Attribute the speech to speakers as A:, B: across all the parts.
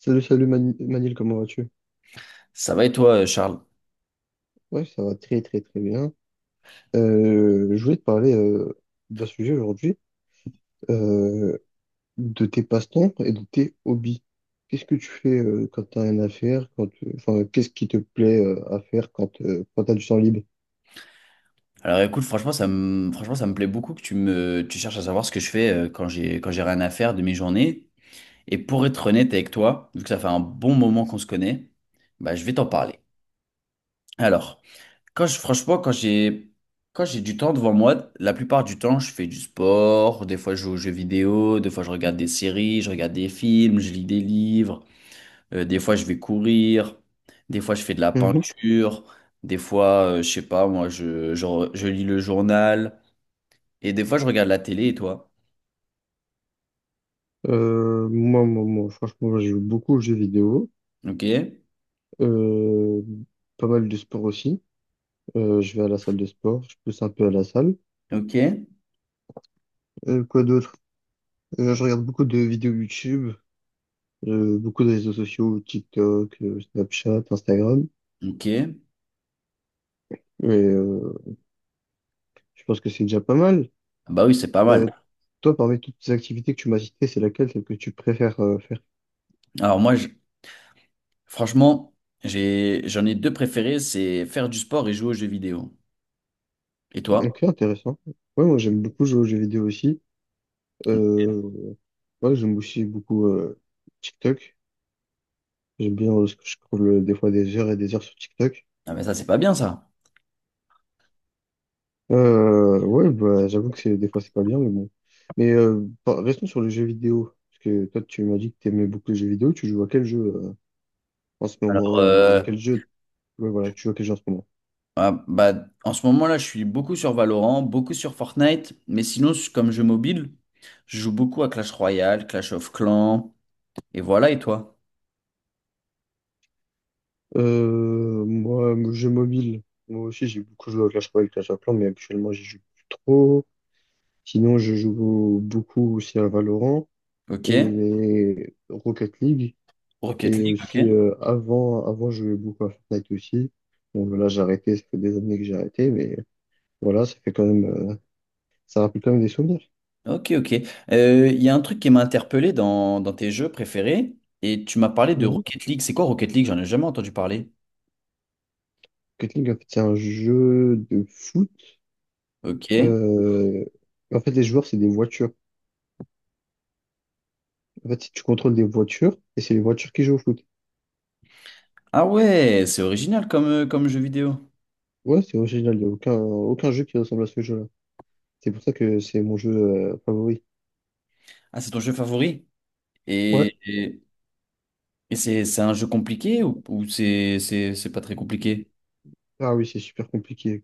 A: Salut, salut Manil, comment vas-tu?
B: Ça va et toi, Charles?
A: Ouais, ça va très très très bien. Je voulais te parler d'un sujet aujourd'hui, euh, de tes passe-temps et de tes hobbies. Qu'est-ce que tu fais quand t'as rien à faire, enfin, qu'est-ce qui te plaît à faire quand, quand t'as du temps libre?
B: Alors écoute, franchement, franchement, ça me plaît beaucoup que tu cherches à savoir ce que je fais quand quand j'ai rien à faire de mes journées. Et pour être honnête avec toi, vu que ça fait un bon moment qu'on se connaît, bah, je vais t'en parler. Alors, franchement, quand j'ai du temps devant moi, la plupart du temps, je fais du sport, des fois je joue aux jeux vidéo, des fois je regarde des séries, je regarde des films, je lis des livres. Des fois, je vais courir. Des fois, je fais de la
A: Mhm.
B: peinture. Des fois, je sais pas, moi, je lis le journal. Et des fois, je regarde la télé. Et toi?
A: Franchement, moi, je joue beaucoup aux jeux vidéo,
B: Ok?
A: euh, pas mal de sport aussi. Je vais à la salle de sport, je pousse un peu à la salle.
B: Ok?
A: Quoi d'autre? Je regarde beaucoup de vidéos YouTube, beaucoup de réseaux sociaux, TikTok, Snapchat, Instagram.
B: Ok.
A: Et je pense que c'est déjà pas mal.
B: Ah, bah oui, c'est pas
A: Euh,
B: mal.
A: Toi, parmi toutes ces activités que tu m'as citées, c'est laquelle, celle que tu préfères faire?
B: Alors moi, franchement, j'en ai deux préférés, c'est faire du sport et jouer aux jeux vidéo. Et toi?
A: Ok, intéressant. Ouais, moi j'aime beaucoup jouer aux jeux vidéo aussi. Euh, ouais, j'aime aussi beaucoup TikTok. J'aime bien ce que je trouve des fois des heures et des heures sur TikTok.
B: Ah mais ça, c'est pas bien ça.
A: Ouais, bah, j'avoue que c'est des fois c'est pas bien, mais bon. Mais restons sur les jeux vidéo. Parce que toi, tu m'as dit que tu aimais beaucoup les jeux vidéo. Tu joues à quel jeu en ce moment ou
B: Euh,
A: quel jeu Ouais, voilà, que tu joues à quel jeu en ce moment.
B: ah, bah, en ce moment-là, je suis beaucoup sur Valorant, beaucoup sur Fortnite, mais sinon, comme jeu mobile, je joue beaucoup à Clash Royale, Clash of Clans. Et voilà, et toi?
A: Moi, mon jeu mobile, moi aussi j'ai beaucoup joué à Clash Royale, Clash of Clans, mais actuellement j'y joue plus trop. Sinon, je joue beaucoup aussi à Valorant
B: Ok.
A: et Rocket League.
B: Rocket
A: Et
B: League,
A: aussi,
B: ok.
A: avant, je jouais beaucoup à Fortnite aussi. Bon, là, j'ai arrêté, ça fait des années que j'ai arrêté, mais voilà, ça fait quand même, ça rappelle quand même des souvenirs.
B: Ok, ok. Il y a un truc qui m'a interpellé dans tes jeux préférés, et tu m'as parlé de
A: Mhm.
B: Rocket League. C'est quoi Rocket League? J'en ai jamais entendu parler.
A: Rocket League, en fait, c'est un jeu de foot.
B: Ok.
A: Euh, En fait, les joueurs, c'est des voitures. En fait, si tu contrôles des voitures, et c'est les voitures qui jouent au foot.
B: Ah ouais, c'est original comme jeu vidéo.
A: Ouais, c'est original, il n'y a aucun jeu qui ressemble à ce jeu-là. C'est pour ça que c'est mon jeu favori.
B: Ah, c'est ton jeu favori?
A: Ouais,
B: Et, et, et c'est un jeu compliqué ou c'est pas très compliqué?
A: ah oui, c'est super compliqué.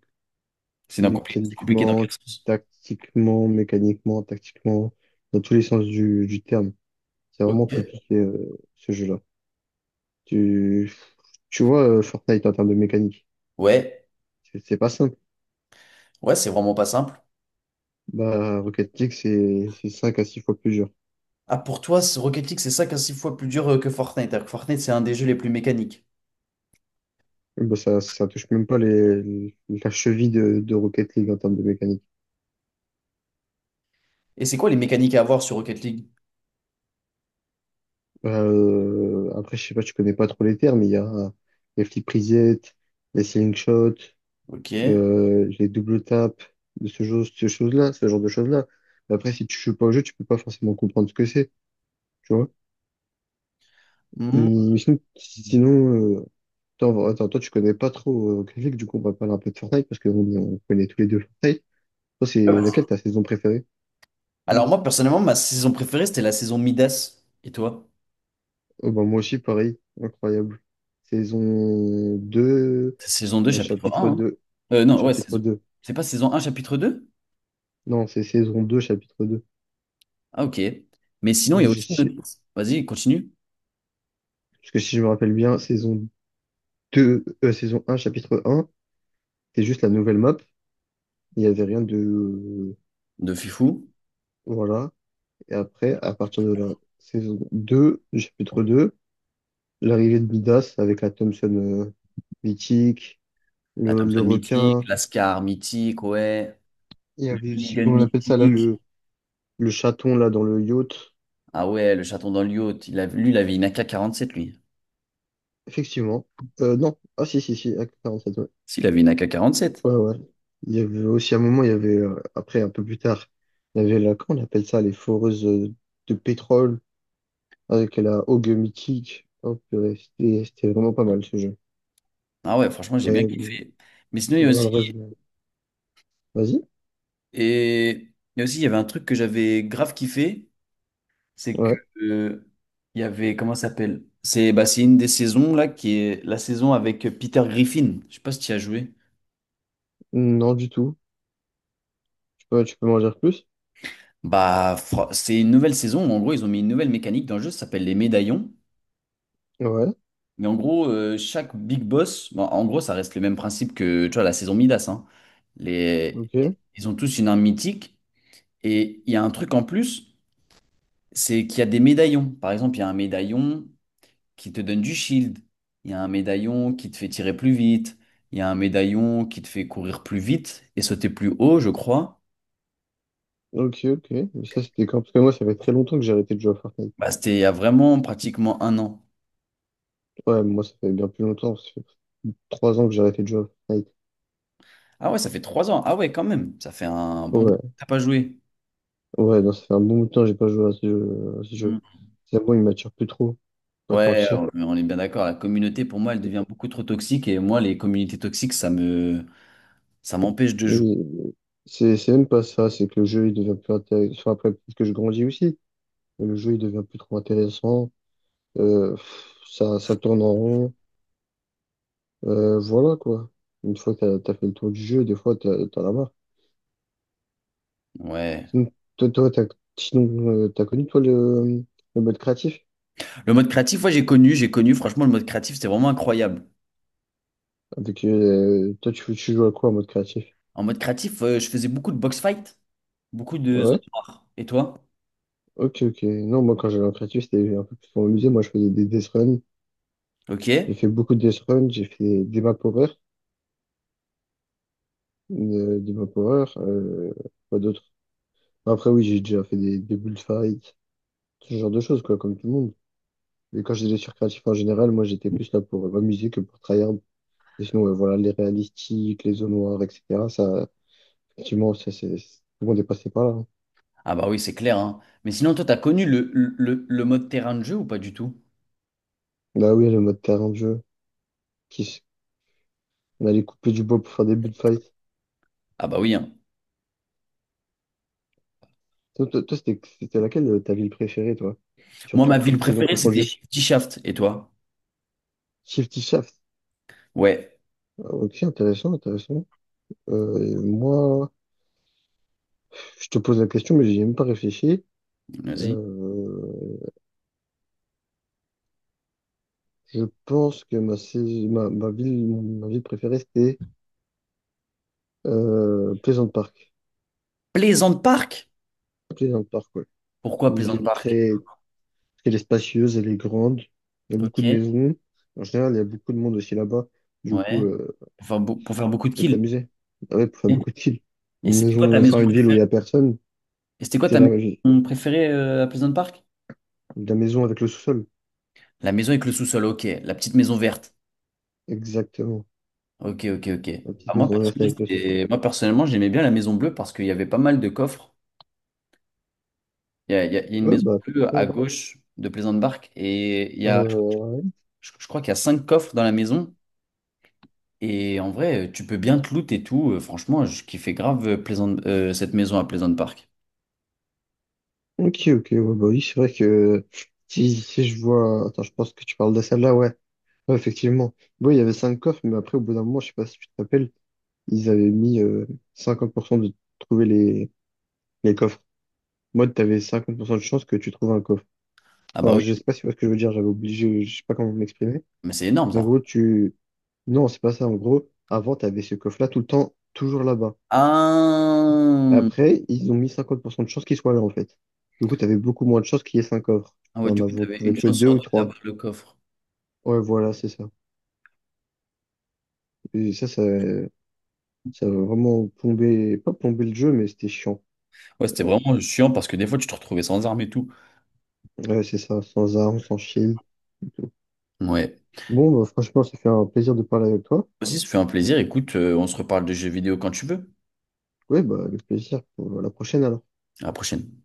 B: C'est compliqué dans
A: Mécaniquement,
B: quel sens?
A: mécaniquement, tactiquement, dans tous les sens du terme. C'est vraiment
B: Ok.
A: compliqué ce jeu-là. Tu, tu vois, Fortnite en termes de mécanique,
B: Ouais,
A: c'est pas simple.
B: ouais, c'est vraiment pas simple.
A: Bah, Rocket League, c'est 5 à 6 fois plus dur.
B: Ah, pour toi, ce Rocket League, c'est 5 à 6 fois plus dur que Fortnite. Alors que Fortnite, c'est un des jeux les plus mécaniques.
A: Bah, ça touche même pas la cheville de Rocket League en termes de mécanique.
B: Et c'est quoi les mécaniques à avoir sur Rocket League?
A: Après, je sais pas, tu connais pas trop les termes, mais il y a les flip reset, les ceiling shots,
B: Ok.
A: les double taps, de ce genre, ce chose-là, ce genre de choses-là. Mais après, si tu joues pas au jeu, tu peux pas forcément comprendre ce que c'est, tu vois.
B: Hmm.
A: Mais sinon, attends, attends, toi, tu connais pas trop Grizzly, du coup, on va parler un peu de Fortnite, parce qu'on connaît tous les deux Fortnite. Toi, c'est laquelle ta saison préférée?
B: Alors moi, personnellement, ma saison préférée, c'était la saison Midas. Et toi?
A: Oh, ben, moi aussi, pareil, incroyable. Saison deux,
B: C'est saison deux, chapitre
A: chapitre
B: un, hein.
A: deux.
B: Non, ouais,
A: chapitre
B: saison.
A: 2
B: C'est pas saison un, chapitre deux.
A: Non, c'est saison 2, chapitre 2.
B: Ah, ok. Mais sinon, il y a
A: Je
B: aussi.
A: sais-
B: Vas-y, continue.
A: Parce que si je me rappelle bien, saison un, chapitre un, c'est juste la nouvelle map. Il n'y avait rien de...
B: De Fifou.
A: Voilà. Et après, à partir de la saison 2, du chapitre 2, l'arrivée de Midas avec la Thompson mythique,
B: La
A: le
B: Thompson mythique,
A: requin.
B: la Scar mythique, ouais.
A: Il y
B: Le
A: avait aussi,
B: Minigun
A: comment on appelle ça là,
B: mythique.
A: le chaton là dans le yacht.
B: Ah ouais, le chaton dans le yacht. Lui, il avait une 47 lui.
A: Effectivement. Non. Ah si, si, si, Acte 47.
B: S'il avait une 47.
A: Ouais, ouais. Il y avait aussi à un moment, il y avait, après, un peu plus tard, il y avait comment on appelle ça, les foreuses de pétrole avec la Haugue mythique. Oh, purée, c'était vraiment pas mal ce jeu.
B: Ah ouais, franchement, j'ai bien
A: Mais
B: kiffé. Mais sinon, il y a aussi.
A: malheureusement. Vas-y.
B: Mais aussi, il y avait un truc que j'avais grave kiffé, c'est que
A: Ouais.
B: euh, il y avait, comment ça s'appelle? C'est bah, c'est une des saisons là qui est la saison avec Peter Griffin. Je sais pas si tu y as joué.
A: Non, du tout. Tu peux m'en dire plus?
B: Bah, c'est une nouvelle saison. En gros, ils ont mis une nouvelle mécanique dans le jeu, ça s'appelle les médaillons.
A: Ouais.
B: Mais en gros, chaque big boss, bon, en gros, ça reste le même principe que tu vois, la saison Midas, hein. Les,
A: Ok.
B: Ils ont tous une arme mythique. Et il y a un truc en plus, c'est qu'il y a des médaillons. Par exemple, il y a un médaillon qui te donne du shield. Il y a un médaillon qui te fait tirer plus vite. Il y a un médaillon qui te fait courir plus vite et sauter plus haut, je crois.
A: Ok, ok. Mais ça, c'était quand? Parce que moi, ça fait très longtemps que j'ai arrêté de jouer à Fortnite.
B: Bah, c'était il y a vraiment pratiquement un an.
A: Ouais, moi, ça fait bien plus longtemps. Ça fait 3 ans que j'ai arrêté de jouer à Fortnite.
B: Ah ouais, ça fait 3 ans. Ah ouais, quand même. Ça fait un bon bout que
A: Ouais.
B: t'as pas joué.
A: Ouais, non, ça fait un bon bout de temps que j'ai pas joué à ce jeu.
B: Mm.
A: C'est bon, il m'attire plus trop, pas te
B: Ouais,
A: mentir.
B: on est bien d'accord. La communauté, pour moi, elle devient beaucoup trop toxique. Et moi, les communautés toxiques, ça m'empêche de jouer.
A: Mais c'est même pas ça, c'est que le jeu il devient plus intéressant. Enfin, après, peut-être que je grandis aussi, mais le jeu il devient plus trop intéressant. Pff, ça tourne en rond. Voilà quoi. Une fois que t'as fait le tour du jeu, des fois t'en as marre.
B: Ouais.
A: Sinon, toi, t'as connu toi le mode créatif?
B: Le mode créatif, ouais, j'ai connu, j'ai connu. Franchement, le mode créatif, c'était vraiment incroyable.
A: Toi, tu joues à quoi en mode créatif?
B: En mode créatif, je faisais beaucoup de box fight, beaucoup de zone
A: Ouais.
B: noire. Et toi?
A: Ok, ok. Non, moi, quand j'allais en créatif, c'était un peu plus pour musée. Moi, je faisais des death runs.
B: Ok.
A: J'ai fait beaucoup de death runs. J'ai fait des map horror, quoi d'autre? Après, oui, j'ai déjà fait des bullfights, ce genre de choses, quoi, comme tout le monde. Mais quand j'étais sur créatif en général, moi, j'étais plus là pour m'amuser que pour tryhard. Et sinon, ouais, voilà, les réalistiques, les zones noires, etc. Ça, effectivement, ça, c'est, tout le monde est passé par là, hein.
B: Ah bah oui, c'est clair, hein. Mais sinon, toi, t'as connu le mode terrain de jeu ou pas du tout?
A: Bah oui, le mode terrain de jeu, qui, s- on allait couper du bois pour faire des bullfights.
B: Ah bah oui, hein.
A: Toi, c'était laquelle ta ville préférée, toi? Sur
B: Moi, ma ville
A: toutes saisons
B: préférée, c'était
A: confondues.
B: Shifty Shaft. Et toi?
A: Shifty Shaft.
B: Ouais.
A: Ah, ok, intéressant, intéressant. Moi, je te pose la question, mais j'y ai même pas réfléchi.
B: Vas-y.
A: Euh, je pense que ma, sais- ma, ma ville préférée, c'était Pleasant Park.
B: Plaisant Park?
A: Pleasant Park, ouais.
B: Pourquoi
A: Une
B: Plaisant
A: ville
B: Park?
A: très, très spacieuse, elle est grande. Il y a beaucoup
B: Ok.
A: de maisons. En général, il y a beaucoup de monde aussi là-bas. Du coup,
B: Ouais. Pour faire beaucoup
A: tu
B: de
A: peux
B: kills.
A: t'amuser. Ah, ouais, pour faire
B: Et
A: beaucoup de chill.
B: et
A: Une
B: c'était quoi ta
A: maison, enfin,
B: maison
A: une ville où il y
B: préférée?
A: a personne.
B: Et c'était quoi
A: C'est
B: ta maison préférée à Pleasant Park?
A: la maison avec le sous-sol.
B: La maison avec le sous-sol, ok. La petite maison verte.
A: Exactement.
B: Ok, ok, ok.
A: La petite
B: Ah,
A: maison verte avec le sous-sol.
B: moi, personnellement, j'aimais bien la maison bleue parce qu'il y avait pas mal de coffres. Il y a une
A: Ouais,
B: maison
A: bah,
B: bleue
A: tiens,
B: à
A: ouais.
B: gauche de Plaisante Barque,
A: Euh,
B: je crois qu'il y a cinq coffres dans la maison. Et en vrai, tu peux bien te loot et tout. Franchement, je kiffais grave cette maison à Plaisante Park.
A: ok, ok, ouais, bah oui, c'est vrai que si je vois. Attends, je pense que tu parles de celle-là, ouais. Ouais, effectivement. Bon, il y avait cinq coffres, mais après, au bout d'un moment, je sais pas si tu te rappelles, ils avaient mis 50% de trouver les coffres. Moi, t'avais 100 de chance que tu trouves un coffre.
B: Ah bah
A: Enfin,
B: oui,
A: je sais pas si tu vois ce que je veux dire, j'avais obligé, je sais pas comment m'exprimer.
B: mais c'est énorme
A: En
B: ça.
A: gros, tu... Non, c'est pas ça. En gros, avant, tu avais ce coffre-là tout le temps, toujours là-bas.
B: Ah,
A: Après, ils ont mis 50% de chances qu'il soit là, en fait. Du coup, tu avais beaucoup moins de chances qu'il y ait 5 coffres.
B: ah ouais,
A: Enfin, on
B: du coup,
A: avait
B: t'avais
A: trouvé
B: une
A: que
B: chance
A: deux
B: sur
A: ou
B: deux
A: trois.
B: d'avoir le coffre.
A: Ouais, voilà, c'est ça. Et ça a vraiment plombé, pas plombé le jeu, mais c'était chiant.
B: Ouais, c'était
A: Ouais,
B: vraiment chiant parce que des fois, tu te retrouvais sans armes et tout.
A: ouais, c'est ça, sans armes, sans shield, et tout.
B: Ouais.
A: Bon, bah, franchement, ça fait un plaisir de parler avec toi.
B: Aussi, ça fait un plaisir. Écoute, on se reparle de jeux vidéo quand tu veux.
A: Ouais, bah, avec plaisir pour la prochaine alors.
B: À la prochaine.